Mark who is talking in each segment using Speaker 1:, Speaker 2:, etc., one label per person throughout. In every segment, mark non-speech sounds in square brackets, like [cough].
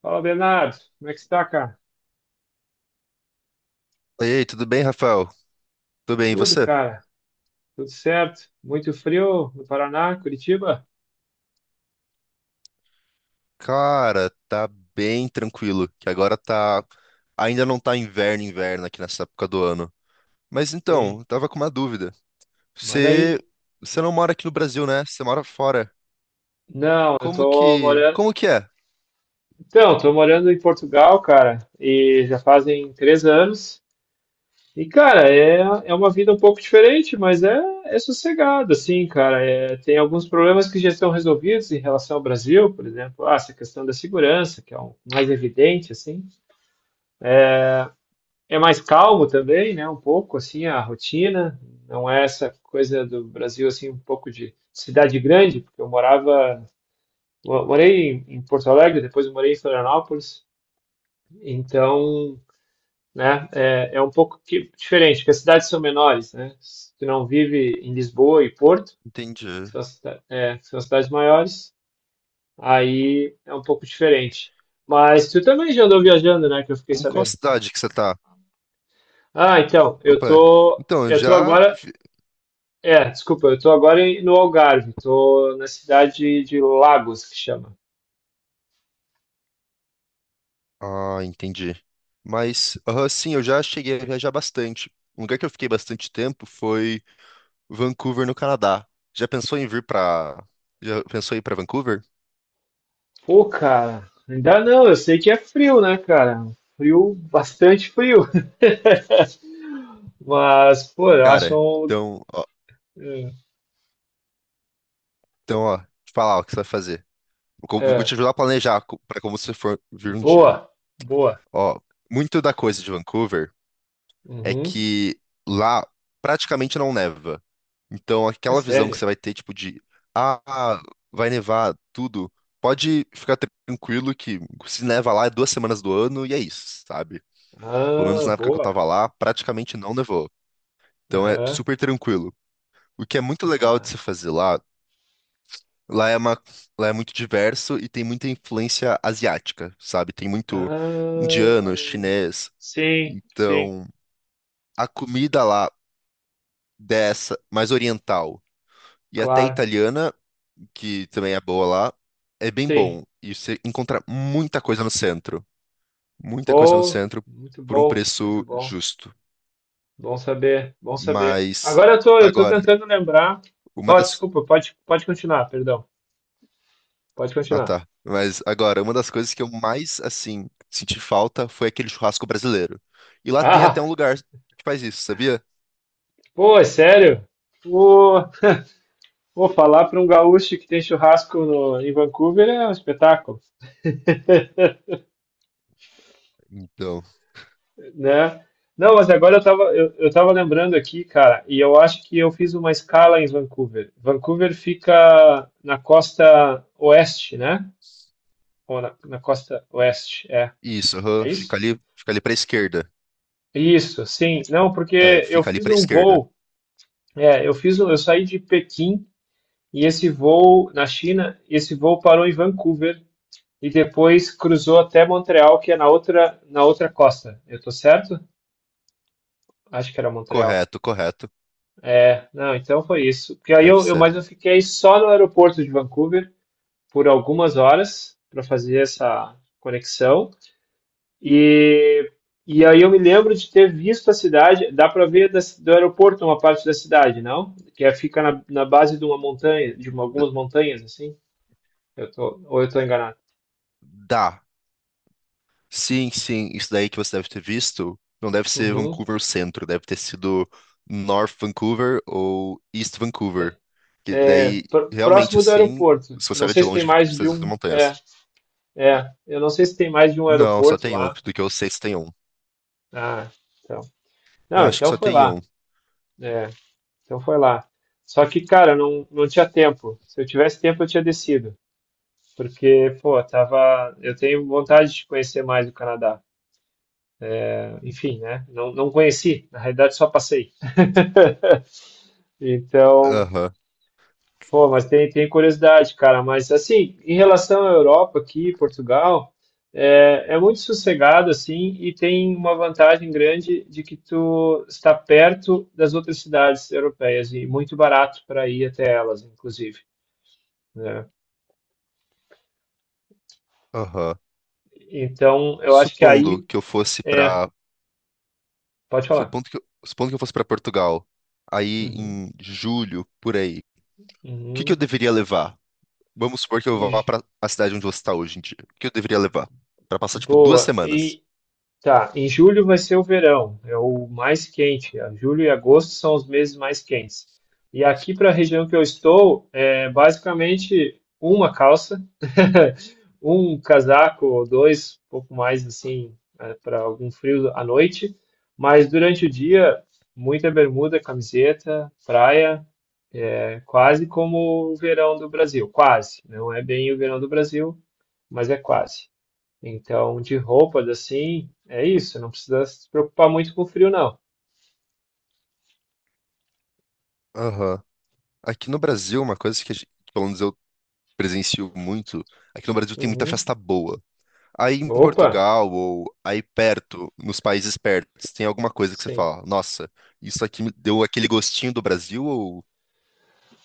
Speaker 1: Fala, Bernardo. Como é que está, cara?
Speaker 2: Ei, tudo bem, Rafael? Tudo bem, e
Speaker 1: Tudo,
Speaker 2: você?
Speaker 1: cara. Tudo certo. Muito frio no Paraná, Curitiba?
Speaker 2: Cara, tá bem tranquilo, que agora tá... Ainda não tá inverno aqui nessa época do ano. Mas então,
Speaker 1: Sim.
Speaker 2: eu tava com uma dúvida.
Speaker 1: Manda
Speaker 2: Você...
Speaker 1: aí.
Speaker 2: Você não mora aqui no Brasil, né? Você mora fora.
Speaker 1: Não, eu tô morando.
Speaker 2: Como que é?
Speaker 1: Então, tô morando em Portugal, cara, e já fazem 3 anos. E, cara, é uma vida um pouco diferente, mas é sossegado, assim, cara. É, tem alguns problemas que já estão resolvidos em relação ao Brasil, por exemplo, ah, essa questão da segurança, que é o mais evidente, assim. É mais calmo também, né? Um pouco assim a rotina, não é essa coisa do Brasil assim um pouco de cidade grande, porque eu morava, morei em Porto Alegre, depois eu morei em Florianópolis, então, né? É um pouco que, diferente, porque as cidades são menores, né? Se tu não vive em Lisboa e Porto, que
Speaker 2: Entendi.
Speaker 1: são, que são as cidades maiores, aí é um pouco diferente. Mas tu também já andou viajando, né? Que eu fiquei
Speaker 2: Em qual
Speaker 1: sabendo.
Speaker 2: cidade que você tá?
Speaker 1: Ah, então, eu
Speaker 2: Opa,
Speaker 1: tô,
Speaker 2: então,
Speaker 1: eu tô agora. Desculpa, eu tô agora no Algarve, tô na cidade de Lagos, que chama.
Speaker 2: Ah, entendi. Mas, aham, sim, eu já cheguei a viajar bastante. Um lugar que eu fiquei bastante tempo foi Vancouver, no Canadá. Já pensou em vir pra. Já pensou em ir pra Vancouver?
Speaker 1: Pô, cara, ainda não, eu sei que é frio, né, cara? Frio, bastante frio. [laughs] Mas, pô, eu acho
Speaker 2: Cara,
Speaker 1: um.
Speaker 2: então, ó,
Speaker 1: É,
Speaker 2: então, ó, te falar o que você vai fazer. Vou te
Speaker 1: é,
Speaker 2: ajudar a pra como você for vir um dia.
Speaker 1: Boa, boa.
Speaker 2: Ó, muito da coisa de Vancouver é
Speaker 1: Uhum,
Speaker 2: que lá praticamente não neva. Então,
Speaker 1: é
Speaker 2: aquela visão que
Speaker 1: sério.
Speaker 2: você vai ter, tipo, de ah, vai nevar tudo, pode ficar tranquilo que, se neva lá, é 2 semanas do ano e é isso, sabe? Pelo menos
Speaker 1: Ah,
Speaker 2: na época que eu
Speaker 1: boa.
Speaker 2: tava lá, praticamente não nevou. Então é
Speaker 1: Aham,
Speaker 2: super tranquilo. O que é muito legal de se
Speaker 1: mas.
Speaker 2: fazer lá, lá é uma, lá é muito diverso e tem muita influência asiática, sabe? Tem muito indiano,
Speaker 1: Ah,
Speaker 2: chinês.
Speaker 1: sim, sim,
Speaker 2: Então, a comida lá dessa, mais oriental e até
Speaker 1: claro.
Speaker 2: italiana, que também é boa lá, é bem
Speaker 1: Sim,
Speaker 2: bom. E você encontra muita coisa no centro, muita coisa no
Speaker 1: pô,
Speaker 2: centro
Speaker 1: muito
Speaker 2: por um
Speaker 1: bom, muito
Speaker 2: preço
Speaker 1: bom.
Speaker 2: justo.
Speaker 1: Bom saber, bom saber.
Speaker 2: Mas
Speaker 1: Agora eu tô
Speaker 2: agora,
Speaker 1: tentando lembrar.
Speaker 2: uma
Speaker 1: Pode,
Speaker 2: das
Speaker 1: desculpa, pode continuar, perdão. Pode
Speaker 2: Ah,
Speaker 1: continuar.
Speaker 2: tá. Mas agora, uma das coisas que eu mais, assim, senti falta foi aquele churrasco brasileiro. E lá tem até
Speaker 1: Ah,
Speaker 2: um lugar que faz isso, sabia?
Speaker 1: pô, é sério? Pô, pô, falar para um gaúcho que tem churrasco no, em Vancouver é um espetáculo,
Speaker 2: Então,
Speaker 1: né? Não, mas agora eu tava lembrando aqui, cara, e eu acho que eu fiz uma escala em Vancouver. Vancouver fica na costa oeste, né? Ou na costa oeste, é.
Speaker 2: isso,
Speaker 1: É
Speaker 2: aham,
Speaker 1: isso?
Speaker 2: fica ali pra esquerda.
Speaker 1: Isso, sim. Não,
Speaker 2: É,
Speaker 1: porque eu
Speaker 2: fica ali
Speaker 1: fiz
Speaker 2: pra
Speaker 1: um
Speaker 2: esquerda.
Speaker 1: voo. É, eu saí de Pequim e esse voo na China, esse voo parou em Vancouver e depois cruzou até Montreal, que é na outra costa. Eu tô certo? Acho que era Montreal.
Speaker 2: Correto, correto.
Speaker 1: Não, então foi isso. Porque aí
Speaker 2: Deve ser.
Speaker 1: mas eu fiquei só no aeroporto de Vancouver por algumas horas para fazer essa conexão. E, e aí eu me lembro de ter visto a cidade. Dá para ver do aeroporto uma parte da cidade, não? Que é, fica na base de uma montanha,
Speaker 2: D-
Speaker 1: algumas montanhas assim. Eu tô, ou eu estou enganado.
Speaker 2: dá. Sim, sim, isso daí que você deve ter visto não deve ser
Speaker 1: Uhum.
Speaker 2: Vancouver Centro, deve ter sido North Vancouver ou East Vancouver.
Speaker 1: É,
Speaker 2: Que daí, realmente,
Speaker 1: Próximo do
Speaker 2: assim,
Speaker 1: aeroporto.
Speaker 2: se
Speaker 1: Eu
Speaker 2: você
Speaker 1: não
Speaker 2: olha
Speaker 1: sei
Speaker 2: de
Speaker 1: se tem
Speaker 2: longe, fica
Speaker 1: mais de
Speaker 2: essas
Speaker 1: um. É,
Speaker 2: montanhas.
Speaker 1: é. Eu não sei se tem mais de um
Speaker 2: Não, só
Speaker 1: aeroporto
Speaker 2: tem um.
Speaker 1: lá.
Speaker 2: Do que eu sei, só tem um.
Speaker 1: Ah, então.
Speaker 2: Eu
Speaker 1: Não,
Speaker 2: acho que
Speaker 1: então
Speaker 2: só
Speaker 1: foi
Speaker 2: tem
Speaker 1: lá.
Speaker 2: um.
Speaker 1: É, então foi lá. Só que, cara, não, não tinha tempo. Se eu tivesse tempo, eu tinha descido. Porque, pô, tava. Eu tenho vontade de conhecer mais o Canadá. É, enfim, né? Não, não conheci. Na realidade, só passei. [laughs] Então,
Speaker 2: Aham,
Speaker 1: pô, mas tem curiosidade, cara. Mas assim, em relação à Europa aqui, Portugal, é muito sossegado assim e tem uma vantagem grande de que tu está perto das outras cidades europeias e muito barato para ir até elas, inclusive, né?
Speaker 2: aham.
Speaker 1: Então, eu acho que
Speaker 2: Supondo
Speaker 1: aí
Speaker 2: que eu fosse
Speaker 1: é,
Speaker 2: pra.
Speaker 1: pode falar.
Speaker 2: Supondo que eu fosse pra Portugal, aí
Speaker 1: Uhum,
Speaker 2: em julho, por aí, o que que eu
Speaker 1: uhum.
Speaker 2: deveria levar? Vamos supor que eu
Speaker 1: E,
Speaker 2: vá pra a cidade onde você está hoje em dia. O que eu deveria levar? Pra passar, tipo, duas
Speaker 1: boa.
Speaker 2: semanas.
Speaker 1: Tá, em julho vai ser o verão, é o mais quente. A Julho e agosto são os meses mais quentes. E aqui para a região que eu estou, é basicamente uma calça, [laughs] um casaco ou dois, um pouco mais assim, para algum frio à noite. Mas durante o dia, muita bermuda, camiseta, praia, é quase como o verão do Brasil. Quase, não é bem o verão do Brasil, mas é quase. Então, de roupas assim, é isso, não precisa se preocupar muito com frio, não.
Speaker 2: Aham. Aqui no Brasil, uma coisa que, a gente- pelo menos eu presencio muito, aqui no Brasil tem muita
Speaker 1: Uhum.
Speaker 2: festa boa. Aí em
Speaker 1: Opa,
Speaker 2: Portugal ou aí perto, nos países pertos, tem alguma coisa que você
Speaker 1: sim.
Speaker 2: fala, nossa, isso aqui me deu aquele gostinho do Brasil ou...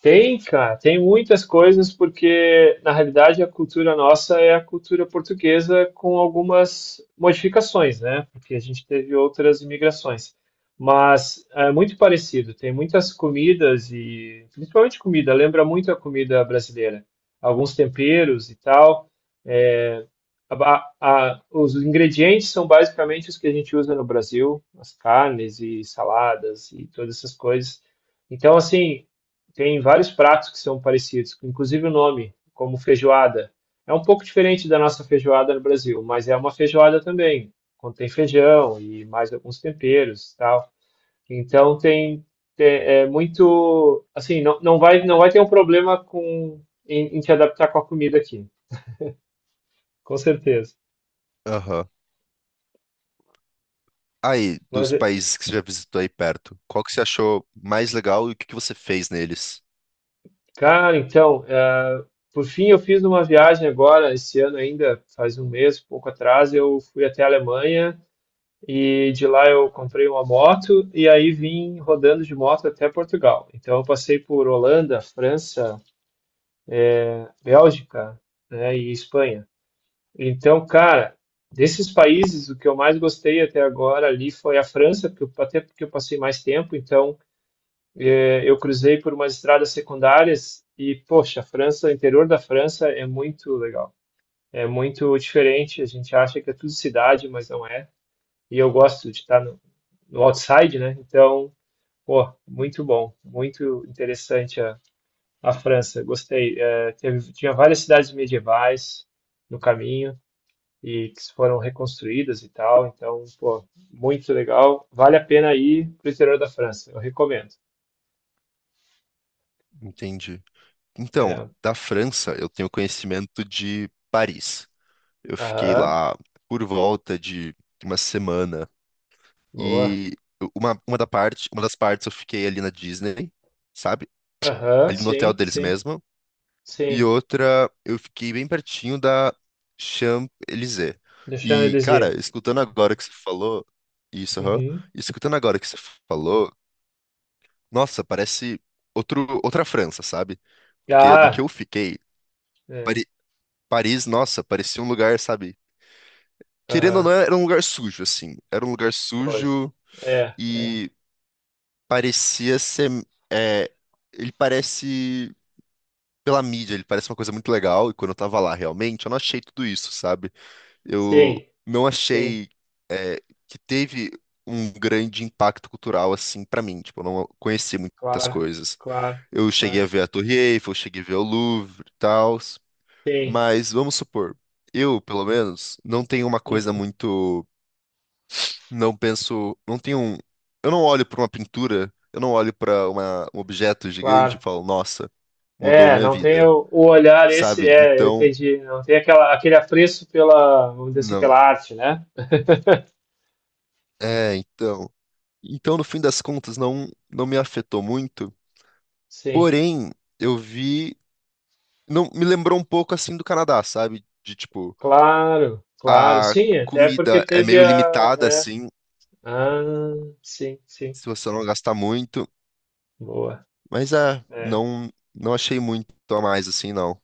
Speaker 1: Tem, cara, tem muitas coisas, porque na realidade a cultura nossa é a cultura portuguesa com algumas modificações, né? Porque a gente teve outras imigrações. Mas é muito parecido, tem muitas comidas e principalmente comida, lembra muito a comida brasileira. Alguns temperos e tal. Os ingredientes são basicamente os que a gente usa no Brasil, as carnes e saladas e todas essas coisas. Então, assim, tem vários pratos que são parecidos, inclusive o nome, como feijoada. É um pouco diferente da nossa feijoada no Brasil, mas é uma feijoada também. Contém feijão e mais alguns temperos, e tal. Então tem, é muito, assim, não, não vai ter um problema com em te adaptar com a comida aqui, com certeza.
Speaker 2: Aham. Aí,
Speaker 1: Mas
Speaker 2: dos países que você já visitou aí perto, qual que você achou mais legal e o que que você fez neles?
Speaker 1: cara, então, por fim, eu fiz uma viagem agora, esse ano ainda, faz um mês, pouco atrás, eu fui até a Alemanha e de lá eu comprei uma moto e aí vim rodando de moto até Portugal. Então, eu passei por Holanda, França, Bélgica, né, e Espanha. Então, cara, desses países, o que eu mais gostei até agora ali foi a França, porque até porque eu passei mais tempo, então. Eu cruzei por umas estradas secundárias e, poxa, a França, o interior da França é muito legal. É muito diferente, a gente acha que é tudo cidade, mas não é. E eu gosto de estar no outside, né? Então, pô, muito bom, muito interessante a França, gostei. É, teve, tinha várias cidades medievais no caminho e que foram reconstruídas e tal, então, pô, muito legal. Vale a pena ir pro interior da França, eu recomendo.
Speaker 2: Entendi. Então,
Speaker 1: É,
Speaker 2: da França, eu tenho conhecimento de Paris. Eu fiquei
Speaker 1: aham,
Speaker 2: lá por volta de uma semana
Speaker 1: boa.
Speaker 2: e uma das partes eu fiquei ali na Disney, sabe?
Speaker 1: Aham,
Speaker 2: Ali no hotel
Speaker 1: sim,
Speaker 2: deles
Speaker 1: sim,
Speaker 2: mesmo. E
Speaker 1: sim.
Speaker 2: outra, eu fiquei bem pertinho da Champs-Élysées.
Speaker 1: Deixando eu
Speaker 2: E,
Speaker 1: dizer.
Speaker 2: cara, escutando agora que você falou, isso, aham,
Speaker 1: Uhum.
Speaker 2: e escutando agora que você falou, nossa, parece outra França, sabe? Porque do que
Speaker 1: Ah,
Speaker 2: eu fiquei,
Speaker 1: é,
Speaker 2: Pari- Paris, nossa, parecia um lugar, sabe? Querendo ou
Speaker 1: aham,
Speaker 2: não, era um lugar sujo, assim. Era um lugar
Speaker 1: pois.
Speaker 2: sujo
Speaker 1: É, é.
Speaker 2: e parecia ser. É, ele parece. Pela mídia, ele parece uma coisa muito legal, e quando eu tava lá, realmente, eu não achei tudo isso, sabe? Eu
Speaker 1: Sim,
Speaker 2: não
Speaker 1: sim,
Speaker 2: achei que teve um grande impacto cultural assim pra mim. Tipo, eu não conheci muitas
Speaker 1: claro,
Speaker 2: coisas.
Speaker 1: claro,
Speaker 2: Eu cheguei
Speaker 1: claro.
Speaker 2: a ver a Torre Eiffel, cheguei a ver o Louvre e tal,
Speaker 1: Sim,
Speaker 2: mas vamos supor, eu, pelo menos, não tenho uma coisa
Speaker 1: uhum,
Speaker 2: muito, não penso, não tenho um, eu não olho pra uma pintura, eu não olho pra um objeto gigante e
Speaker 1: claro.
Speaker 2: falo, nossa, mudou
Speaker 1: É,
Speaker 2: minha
Speaker 1: não tem
Speaker 2: vida,
Speaker 1: o olhar esse,
Speaker 2: sabe?
Speaker 1: é, eu
Speaker 2: Então,
Speaker 1: entendi. Não tem aquela, aquele apreço pela, vamos dizer assim,
Speaker 2: não.
Speaker 1: pela arte, né? [laughs]
Speaker 2: É, então, então no fim das contas não me afetou muito.
Speaker 1: Sim,
Speaker 2: Porém, eu vi. Não, me lembrou um pouco assim do Canadá, sabe? De tipo,
Speaker 1: claro, claro.
Speaker 2: a
Speaker 1: Sim, até porque
Speaker 2: comida é
Speaker 1: teve
Speaker 2: meio
Speaker 1: a.
Speaker 2: limitada,
Speaker 1: É,
Speaker 2: assim,
Speaker 1: ah, sim, sim.
Speaker 2: se você não gastar muito.
Speaker 1: Boa.
Speaker 2: Mas é,
Speaker 1: É.
Speaker 2: não, não achei muito a mais, assim, não.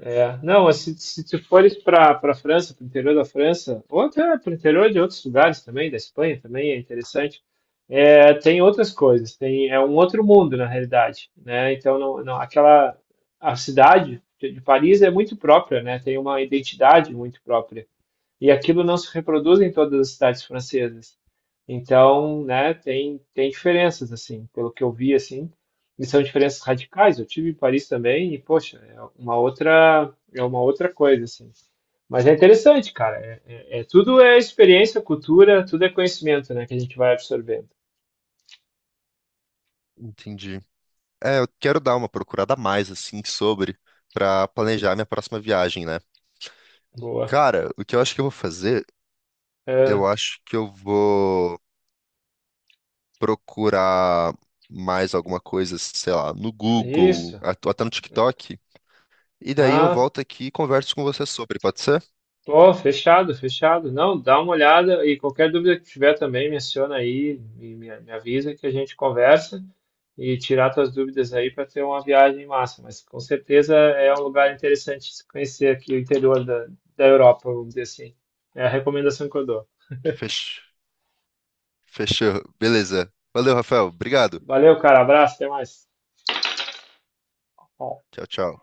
Speaker 1: É, não, se tu fores para França, para o interior da França, ou até para o interior de outros lugares também, da Espanha também é interessante, é, tem outras coisas, tem, é um outro mundo na realidade, né? Então, não, não, aquela, a cidade de Paris é muito própria, né? Tem uma identidade muito própria, e aquilo não se reproduz em todas as cidades francesas. Então, né, tem, diferenças, assim, pelo que eu vi, assim, e são diferenças radicais. Eu tive em Paris também e, poxa, é uma outra coisa, assim. Mas é interessante, cara. Tudo é experiência, cultura, tudo é conhecimento, né, que a gente vai absorvendo.
Speaker 2: Entendi. É, eu quero dar uma procurada a mais, assim, sobre, pra planejar minha próxima viagem, né?
Speaker 1: Boa.
Speaker 2: Cara, o que eu acho que eu vou fazer,
Speaker 1: É,
Speaker 2: eu acho que eu vou procurar mais alguma coisa, sei lá, no
Speaker 1: é
Speaker 2: Google,
Speaker 1: isso.
Speaker 2: até no TikTok. E daí eu
Speaker 1: Ah,
Speaker 2: volto aqui e converso com você sobre, pode ser?
Speaker 1: pô, fechado, fechado. Não, dá uma olhada e qualquer dúvida que tiver também, menciona aí e me avisa que a gente conversa e tirar tuas dúvidas aí para ter uma viagem massa. Mas com certeza é um lugar interessante de se conhecer aqui o interior da Europa, vamos dizer assim. É a recomendação que eu dou.
Speaker 2: Fech... Fechou. Beleza. Valeu, Rafael. Obrigado.
Speaker 1: Valeu, cara. Abraço, até mais. Ó,
Speaker 2: Tchau, tchau.